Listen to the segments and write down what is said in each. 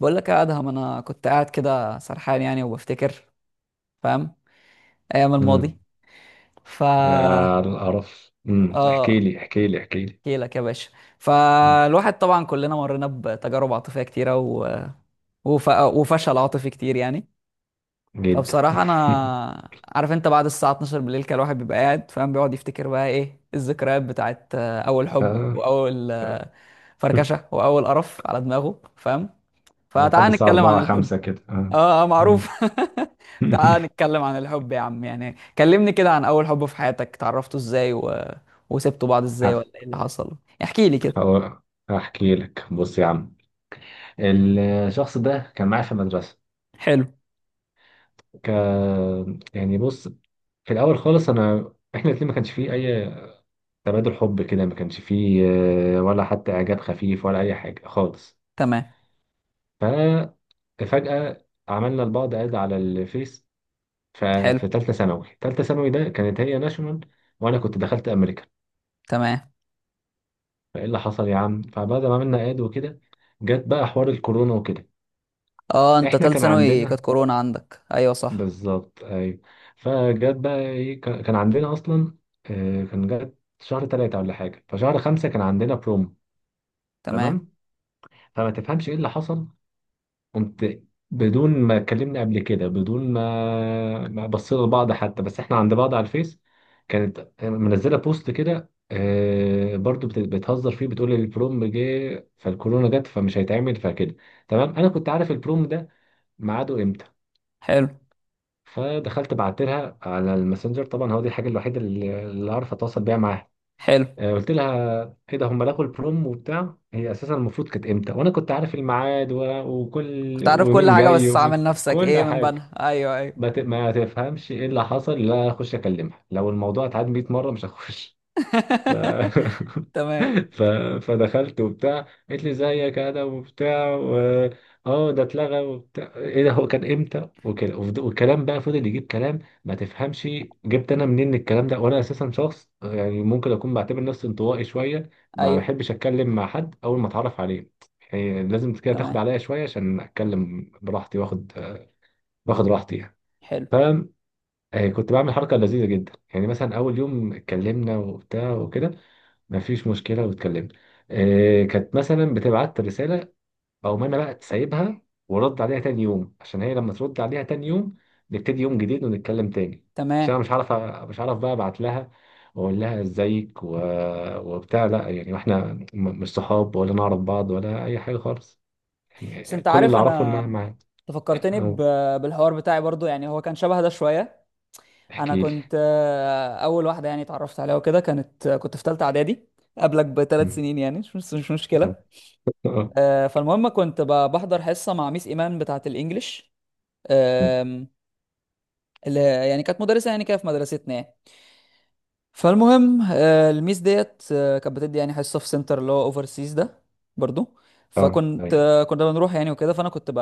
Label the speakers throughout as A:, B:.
A: بقول لك يا ادهم، انا كنت قاعد كده سرحان يعني وبفتكر. فاهم؟ ايام الماضي.
B: امم.
A: ف
B: على القرف، احكي
A: اه
B: لي احكي لي احكي لي.
A: احكي لك يا باشا.
B: مم.
A: فالواحد طبعا كلنا مرينا بتجارب عاطفيه كتيره وفشل عاطفي كتير يعني.
B: جدا.
A: فبصراحه انا عارف، انت بعد الساعه 12 بالليل كان الواحد بيبقى قاعد، فاهم؟ بيقعد يفتكر بقى ايه الذكريات بتاعت اول حب
B: آه.
A: واول
B: آه.
A: فركشه واول قرف على دماغه. فاهم؟
B: لحد
A: فتعال
B: الساعة
A: نتكلم عن
B: 4
A: الحب.
B: 5 كده، آه.
A: اه، اه، معروف.
B: مم.
A: تعال نتكلم عن الحب يا عم، يعني كلمني كده عن اول حب في حياتك، اتعرفتوا ازاي وسبتوا بعض ازاي،
B: هف-
A: ولا ايه اللي حصل. احكي لي كده.
B: هو- هحكي لك. بص يا عم، الشخص ده كان معايا في المدرسة.
A: حلو.
B: ك... يعني بص، في الأول خالص إحنا الاتنين ما كانش فيه أي تبادل حب كده، ما كانش فيه ولا حتى إعجاب خفيف ولا أي حاجة خالص.
A: تمام.
B: ففجأة عملنا لبعض اد على الفيس.
A: حلو.
B: ففي تالتة ثانوي ده كانت هي ناشونال، وأنا كنت دخلت أمريكان.
A: تمام.
B: فإيه اللي حصل يا عم، فبعد ما عملنا إعداد وكده جت بقى حوار الكورونا وكده.
A: اه، انت
B: إحنا
A: تالت
B: كان
A: ثانوي كانت
B: عندنا،
A: كورونا عندك، ايوه صح.
B: بالظبط، أيوة. فجت بقى إيه، كان عندنا أصلا. كان جت شهر 3 ولا حاجة، فشهر خمسة كان عندنا بروم.
A: تمام.
B: تمام. فما تفهمش إيه اللي حصل. قمت بدون ما كلمني قبل كده، بدون ما بصينا لبعض حتى، بس احنا عند بعض على الفيس. كانت منزله بوست كده، برضو بتهزر فيه، بتقول البروم جه فالكورونا جت فمش هيتعمل فكده. تمام، انا كنت عارف البروم ده ميعاده امتى.
A: حلو.
B: فدخلت بعت لها على الماسنجر، طبعا هو دي الحاجه الوحيده اللي اعرف اتواصل بيها معاها.
A: حلو.
B: قلت لها ايه ده، هم لغوا البروم وبتاع. هي اساسا المفروض كانت امتى؟ وانا كنت عارف الميعاد وكل،
A: كنت عارف كل
B: ومين
A: حاجة
B: جاي،
A: بس عامل نفسك
B: وكل
A: ايه من
B: حاجه.
A: بنها. ايوه، ايوه.
B: ما تفهمش ايه اللي حصل. لا اخش اكلمها، لو الموضوع اتعاد 100 مره مش هخش. ف...
A: تمام.
B: ف... فدخلت وبتاع، قالت لي زيك انا وبتاع اه ده اتلغى وبتاع، ايه ده، هو كان امتى وكده. والكلام بقى فضل يجيب كلام. ما تفهمش جبت انا منين الكلام ده؟ وانا اساسا شخص يعني ممكن اكون بعتبر نفسي انطوائي شويه، ما
A: ايوه.
B: بحبش اتكلم مع حد اول ما اتعرف عليه. يعني لازم كده تاخد
A: تمام.
B: عليا شويه عشان اتكلم براحتي، واخد راحتي يعني.
A: حلو.
B: ف كنت بعمل حركه لذيذه جدا يعني. مثلا اول يوم اتكلمنا وبتاع وكده، ما فيش مشكلة، واتكلمنا. كانت مثلا بتبعت رسالة أو أنا بقى سايبها، ورد عليها تاني يوم، عشان هي لما ترد عليها تاني يوم نبتدي يوم جديد ونتكلم تاني. عشان
A: تمام.
B: أنا مش عارف بقى أبعت لها وأقول لها إزيك وبتاع. لا يعني، وإحنا مش صحاب ولا نعرف بعض ولا أي حاجة خالص،
A: بس
B: يعني
A: انت
B: كل
A: عارف،
B: اللي أعرفه إنها معايا.
A: انت فكرتني
B: أهو.
A: بالحوار بتاعي برضو، يعني هو كان شبه ده شوية. انا
B: احكي لي.
A: كنت اول واحده يعني اتعرفت عليها، وكده كانت كنت في ثالثه اعدادي. قبلك بثلاث
B: مم.
A: سنين، يعني مش مشكله.
B: اه.
A: فالمهم كنت بحضر حصه مع ميس ايمان بتاعه الانجليش، آم، اللي يعني كانت مدرسه يعني كده في مدرستنا يعني. فالمهم الميس ديت كانت بتدي يعني حصه في سنتر اللي هو اوفر سيز ده برضو. فكنت
B: أيوه.
A: كنا بنروح يعني وكده، فانا كنت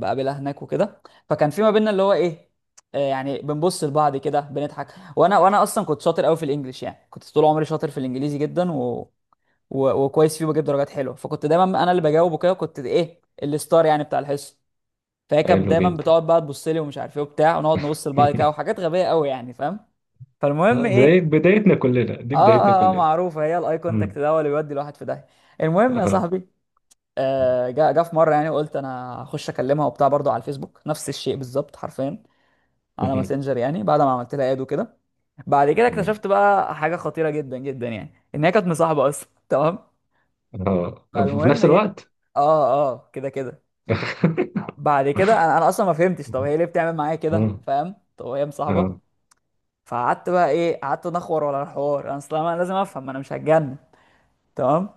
A: بقابلها هناك وكده. فكان في ما بيننا اللي هو ايه، يعني بنبص لبعض كده بنضحك. وانا اصلا كنت شاطر قوي في الانجليش، يعني كنت طول عمري شاطر في الانجليزي جدا وكويس فيه وبجيب درجات حلوه. فكنت دايما انا اللي بجاوب وكده، كنت ايه الستار يعني بتاع الحصه. فهي كانت
B: حلو
A: دايما
B: جدا.
A: بتقعد بقى تبص لي ومش عارف ايه وبتاع، ونقعد نبص لبعض كده وحاجات غبيه قوي يعني. فاهم؟ فالمهم ايه.
B: بدايتنا كلنا، دي
A: اه،
B: بدايتنا
A: اه، اه،
B: كلنا.
A: معروفه، هي الاي كونتاكت ده هو اللي بيودي الواحد في داهيه. المهم يا
B: آه.
A: صاحبي، آه جا في مره، يعني قلت انا هخش اكلمها وبتاع برضو على الفيسبوك، نفس الشيء بالظبط حرفيا، على ماسنجر يعني، بعد ما عملت لها اد وكده. بعد كده
B: تمام.
A: اكتشفت بقى حاجه خطيره جدا جدا، يعني ان هي كانت مصاحبه اصلا. تمام.
B: اه، في
A: فالمهم
B: نفس
A: ايه.
B: الوقت.
A: اه، اه، كده كده. بعد كده انا اصلا ما فهمتش، طب هي ليه بتعمل معايا كده،
B: اه
A: فاهم؟ طب هي مصاحبه.
B: اه.
A: فقعدت بقى ايه، قعدت نخور ولا الحوار، انا اصلا أنا لازم افهم، ما انا مش هتجنن. تمام.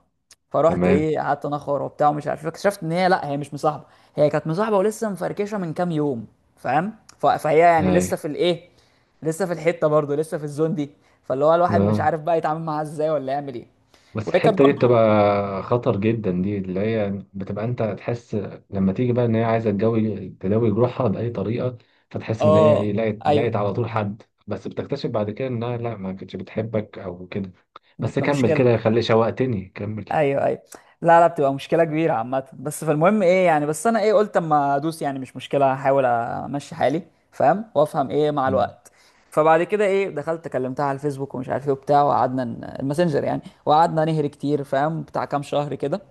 A: فرحت
B: تمام.
A: ايه، قعدت انخر وبتاع ومش عارف إيه. اكتشفت ان هي لا، هي مش مصاحبه، هي كانت مصاحبه ولسه مفركشه من كام يوم. فاهم؟ فهي يعني لسه
B: ايوه.
A: في الايه، لسه في الحته، برضه لسه في الزون دي. فاللي هو الواحد مش
B: اه.
A: عارف بقى يتعامل معاها ازاي ولا يعمل ايه.
B: بس
A: وهي كانت
B: الحتة دي
A: برضه.
B: بتبقى خطر جدا، دي اللي هي بتبقى انت تحس لما تيجي بقى ان هي عايزة تداوي جروحها بأي طريقة. فتحس ان هي ايه،
A: اه، ايوه.
B: لقت على طول حد، بس بتكتشف بعد كده انها لا، ما كانتش بتحبك او كده. بس
A: ده
B: كمل
A: مشكله.
B: كده، خلي شوقتني، كمل.
A: ايوه، ايوه. لا، لا، بتبقى مشكله كبيره عامه. بس فالمهم ايه، يعني بس انا ايه، قلت اما ادوس، يعني مش مشكله، هحاول امشي حالي. فاهم؟ وافهم ايه مع
B: مم.
A: الوقت. فبعد كده ايه دخلت كلمتها على الفيسبوك ومش عارف ايه وبتاع، وقعدنا الماسنجر يعني، وقعدنا نهري كتير فاهم، بتاع كام شهر كده.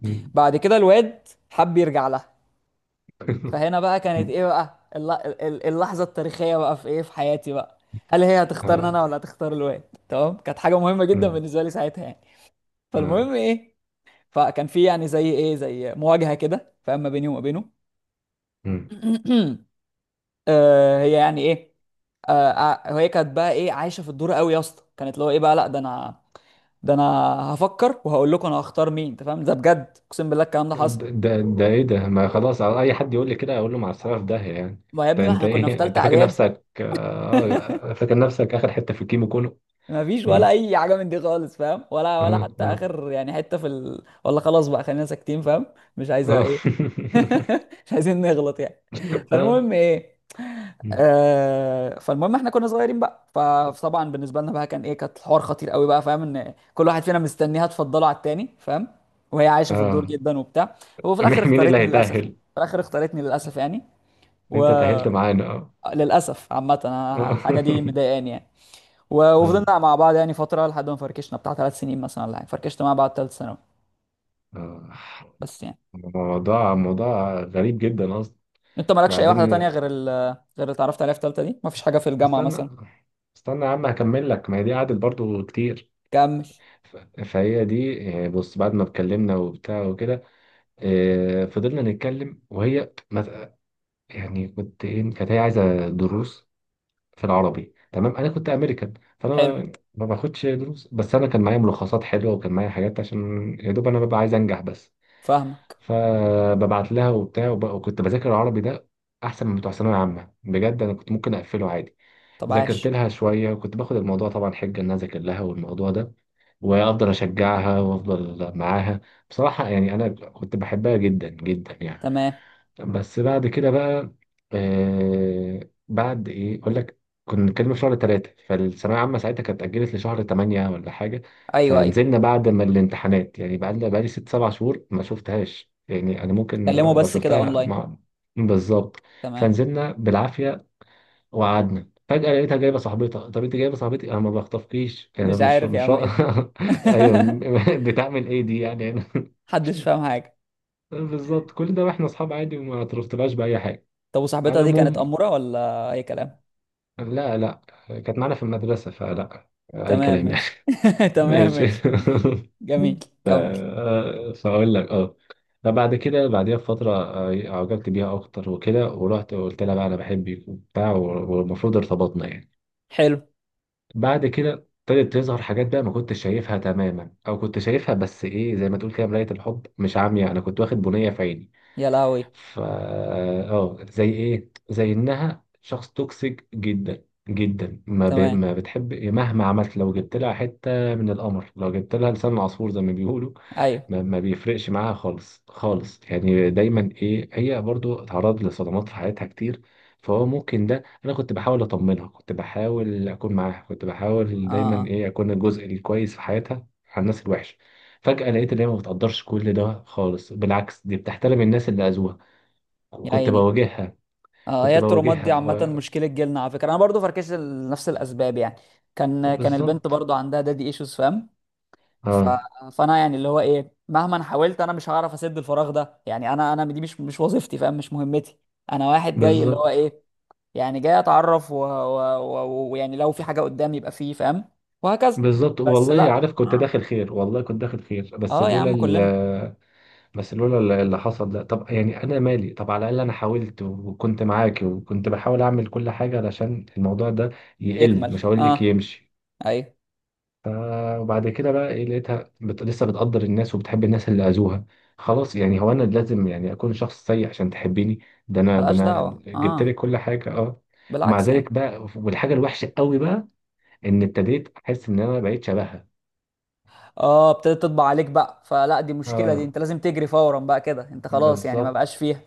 B: مم.
A: بعد كده الواد حب يرجع لها. فهنا بقى كانت ايه بقى، اللحظه التاريخيه بقى في ايه في حياتي بقى. هل هي هتختارني انا
B: آه.
A: ولا هتختار الواد؟ تمام، كانت حاجه مهمه جدا
B: مم.
A: بالنسبه لي ساعتها يعني.
B: آه.
A: فالمهم ايه. فكان في يعني زي ايه، زي مواجهه كده، فاما بيني وما بينه.
B: مم.
A: هي يعني ايه، هي كانت بقى ايه عايشه في الدور قوي يا اسطى، كانت اللي هو ايه بقى، لا ده انا، ده انا هفكر وهقول لكم انا هختار مين. انت فاهم؟ ده بجد، اقسم بالله الكلام ده حصل.
B: ده ايه ده؟ ما خلاص، على اي حد يقول لي كده اقول له مع السلامه، في داهيه يعني.
A: ما يا ابني ما
B: انت
A: احنا كنا في
B: ايه؟ انت
A: ثالثه
B: فاكر
A: اعدادي.
B: نفسك آه فاكر نفسك اخر حته في الكيمو كله.
A: ما فيش ولا
B: ايه.
A: اي حاجه من دي خالص، فاهم؟ ولا
B: اه
A: حتى
B: اه
A: اخر يعني حته في ال... ولا خلاص بقى خلينا ساكتين. فاهم؟ مش عايزه
B: اه.
A: ايه. مش عايزين نغلط يعني.
B: اه.
A: فالمهم ايه. فالمهم احنا كنا صغيرين بقى فطبعا بالنسبه لنا بقى كان ايه، كانت الحوار خطير قوي بقى، فاهم؟ ان كل واحد فينا مستنيها تفضله على التاني. فاهم؟ وهي عايشه في الدور
B: آه.
A: جدا وبتاع. هو في الاخر
B: مين مين اللي
A: اختارتني للاسف يعني،
B: هيتأهل؟
A: في الاخر اختارتني للاسف يعني.
B: انت تأهلت معانا. اه
A: وللاسف عامه أنا
B: اه.
A: الحاجه دي مضايقاني يعني.
B: اه.
A: وفضلنا مع بعض يعني فتره، لحد ما فركشنا بتاع ثلاث سنين مثلا ولا حاجه، فركشت مع بعض ثالث ثانوي.
B: آه.
A: بس يعني،
B: موضوع موضوع غريب جدا اصلا.
A: انت مالكش اي واحده
B: بعدين
A: تانية غير غير اللي اتعرفت عليها في ثالثه دي، مفيش حاجه
B: است-
A: في الجامعه
B: استنى
A: مثلا؟
B: استنى يا عم، هكمل لك، ما هي دي قعدت برضو كتير.
A: كمل.
B: ف- فهي دي بص، بعد ما اتكلمنا وبتاع وكده فضلنا نتكلم، وهي يعني كنت ايه كانت هي عايزه دروس في العربي. تمام، انا كنت امريكان، فانا
A: حلو.
B: ما باخدش دروس، بس انا كان معايا ملخصات حلوه، وكان معايا حاجات، عشان يا دوب انا ببقى عايز انجح بس.
A: فاهمك.
B: فببعت لها وبتاع، وكنت بذاكر العربي ده احسن من بتوع ثانويه عامه بجد، انا كنت ممكن اقفله عادي.
A: طب
B: ذاكرت
A: عاش.
B: لها شويه، وكنت باخد الموضوع طبعا حجه ان انا اذاكر لها، والموضوع ده وافضل اشجعها وافضل معاها. بصراحه يعني انا كنت بحبها جدا جدا يعني.
A: تمام.
B: بس بعد كده بقى، بعد ايه اقول لك، كنا بنتكلم في شهر 3، فالثانوية العامة ساعتها كانت اتأجلت لشهر ثمانية ولا حاجة.
A: ايوه، ايوه.
B: فنزلنا بعد ما الامتحانات يعني، بقى لنا بقالي 6 7 شهور ما شفتهاش، يعني انا ممكن
A: تكلموا
B: لو
A: بس كده
B: شفتها
A: اونلاين.
B: بالظبط.
A: تمام.
B: فنزلنا بالعافية وقعدنا، فجأة لقيتها جايبة صاحبتها. طب انت جايبة صاحبتي، انا ما بخطفكيش يعني،
A: مش
B: انا مش
A: عارف يا
B: مش
A: عم ايه
B: رأ...
A: ده.
B: ايوه. بتعمل ايه دي يعني.
A: محدش فاهم حاجه.
B: بالظبط، كل ده واحنا اصحاب عادي، وما اعترفتلهاش بأي حاجة.
A: طب
B: على
A: وصاحبتها دي كانت
B: العموم،
A: اموره ولا اي كلام؟
B: لا لا، كانت معانا في المدرسة، فلا أي
A: تمام
B: كلام يعني.
A: ماشي. تمام
B: ماشي.
A: ماشي. جميل. كمل.
B: فأقول لك. اه فبعد كده بعديها بفترة، أعجبت بيها أكتر وكده، ورحت وقلت لها بقى أنا بحبك وبتاع، والمفروض ارتبطنا يعني.
A: حلو.
B: بعد كده ابتدت تظهر حاجات بقى ما كنتش شايفها تماما، أو كنت شايفها بس إيه زي ما تقول كده، مراية الحب مش عامية، أنا كنت واخد بنية في عيني.
A: يا لهوي.
B: ف زي انها شخص توكسيك جدا جدا،
A: تمام.
B: ما بتحب مهما عملت، لو جبت لها حته من القمر، لو جبت لها لسان عصفور زي ما بيقولوا.
A: ايوه.
B: ما بيفرقش معاها خالص خالص يعني. دايما ايه، هي برضو اتعرضت لصدمات في حياتها كتير. فهو ممكن ده، انا كنت بحاول اطمنها، كنت بحاول اكون معاها، كنت بحاول
A: اه.
B: دايما
A: آه.
B: ايه اكون الجزء الكويس في حياتها على الناس الوحشه. فجأة لقيت ان هي ما بتقدرش كل ده خالص، بالعكس دي بتحترم الناس اللي اذوها.
A: يا
B: كنت
A: عيني.
B: بواجهها.
A: اه، هي
B: كنت
A: الترومات دي
B: بواجهها
A: عامه مشكله جيلنا على فكره، انا برضو فركشت لنفس الاسباب يعني. كان البنت
B: بالظبط.
A: برضو عندها دادي ايشوز. فاهم؟ ف...
B: اه.
A: فانا يعني اللي هو ايه، مهما أنا حاولت انا مش هعرف اسد الفراغ ده، يعني انا دي مش وظيفتي. فاهم؟ مش مهمتي. انا واحد جاي اللي هو
B: بالظبط
A: ايه، يعني جاي اتعرف، ويعني، ويعني لو في حاجه قدامي يبقى فيه. فاهم؟ وهكذا.
B: بالظبط،
A: بس
B: والله
A: لا،
B: عارف كنت
A: اه.
B: داخل خير، والله كنت داخل خير.
A: اه يا عم كلنا.
B: بس لولا اللي حصل ده. طب يعني انا مالي، طب على الاقل انا حاولت وكنت معاكي، وكنت بحاول اعمل كل حاجه علشان الموضوع ده يقل،
A: يكمل،
B: مش هقول لك
A: اه.
B: يمشي.
A: ايوه.
B: ف- وبعد كده بقى ايه، لقيتها لسه بتقدر الناس وبتحب الناس اللي اذوها. خلاص يعني، هو انا لازم يعني اكون شخص سيء عشان تحبيني؟ ده انا، ده
A: ملهاش
B: انا
A: دعوه،
B: جبت لك
A: اه.
B: كل حاجه. اه. ومع
A: بالعكس يعني.
B: ذلك بقى، والحاجه الوحشه قوي بقى، ان ابتديت احس ان انا بقيت شبهها.
A: اه، ابتدت تطبع عليك بقى، فلا دي مشكله دي،
B: اه،
A: انت لازم تجري فورا بقى كده، انت خلاص يعني ما
B: بالظبط.
A: بقاش فيها.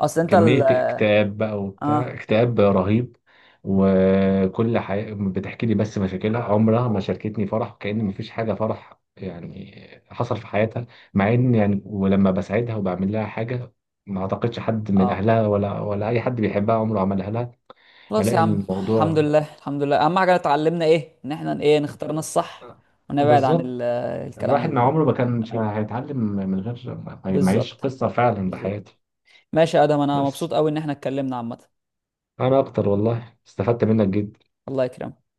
A: اصل انت ال...
B: كمية اكتئاب بقى وبتاع،
A: اه،
B: اكتئاب رهيب. بتحكي لي بس مشاكلها، عمرها ما شاركتني فرح، كأن مفيش حاجة فرح يعني حصل في حياتها. مع ان يعني، ولما بساعدها وبعمل لها حاجة، ما اعتقدش حد من
A: اه.
B: اهلها ولا اي حد بيحبها عمره عملها لها.
A: خلاص يا
B: الاقي
A: عم، الحمد
B: الموضوع،
A: لله، الحمد لله، اهم حاجه اتعلمنا ايه، ان احنا ايه نختارنا الصح ونبعد عن
B: بالظبط،
A: الكلام
B: الواحد مع
A: ال-.
B: عمره ما كانش
A: تمام.
B: هيتعلم من غير ما يعيش
A: بالظبط.
B: قصة فعلا
A: بالظبط.
B: بحياته.
A: ماشي يا ادم، انا
B: بس
A: مبسوط قوي ان احنا اتكلمنا عامه.
B: انا اكتر، والله استفدت منك جدا.
A: الله يكرمك.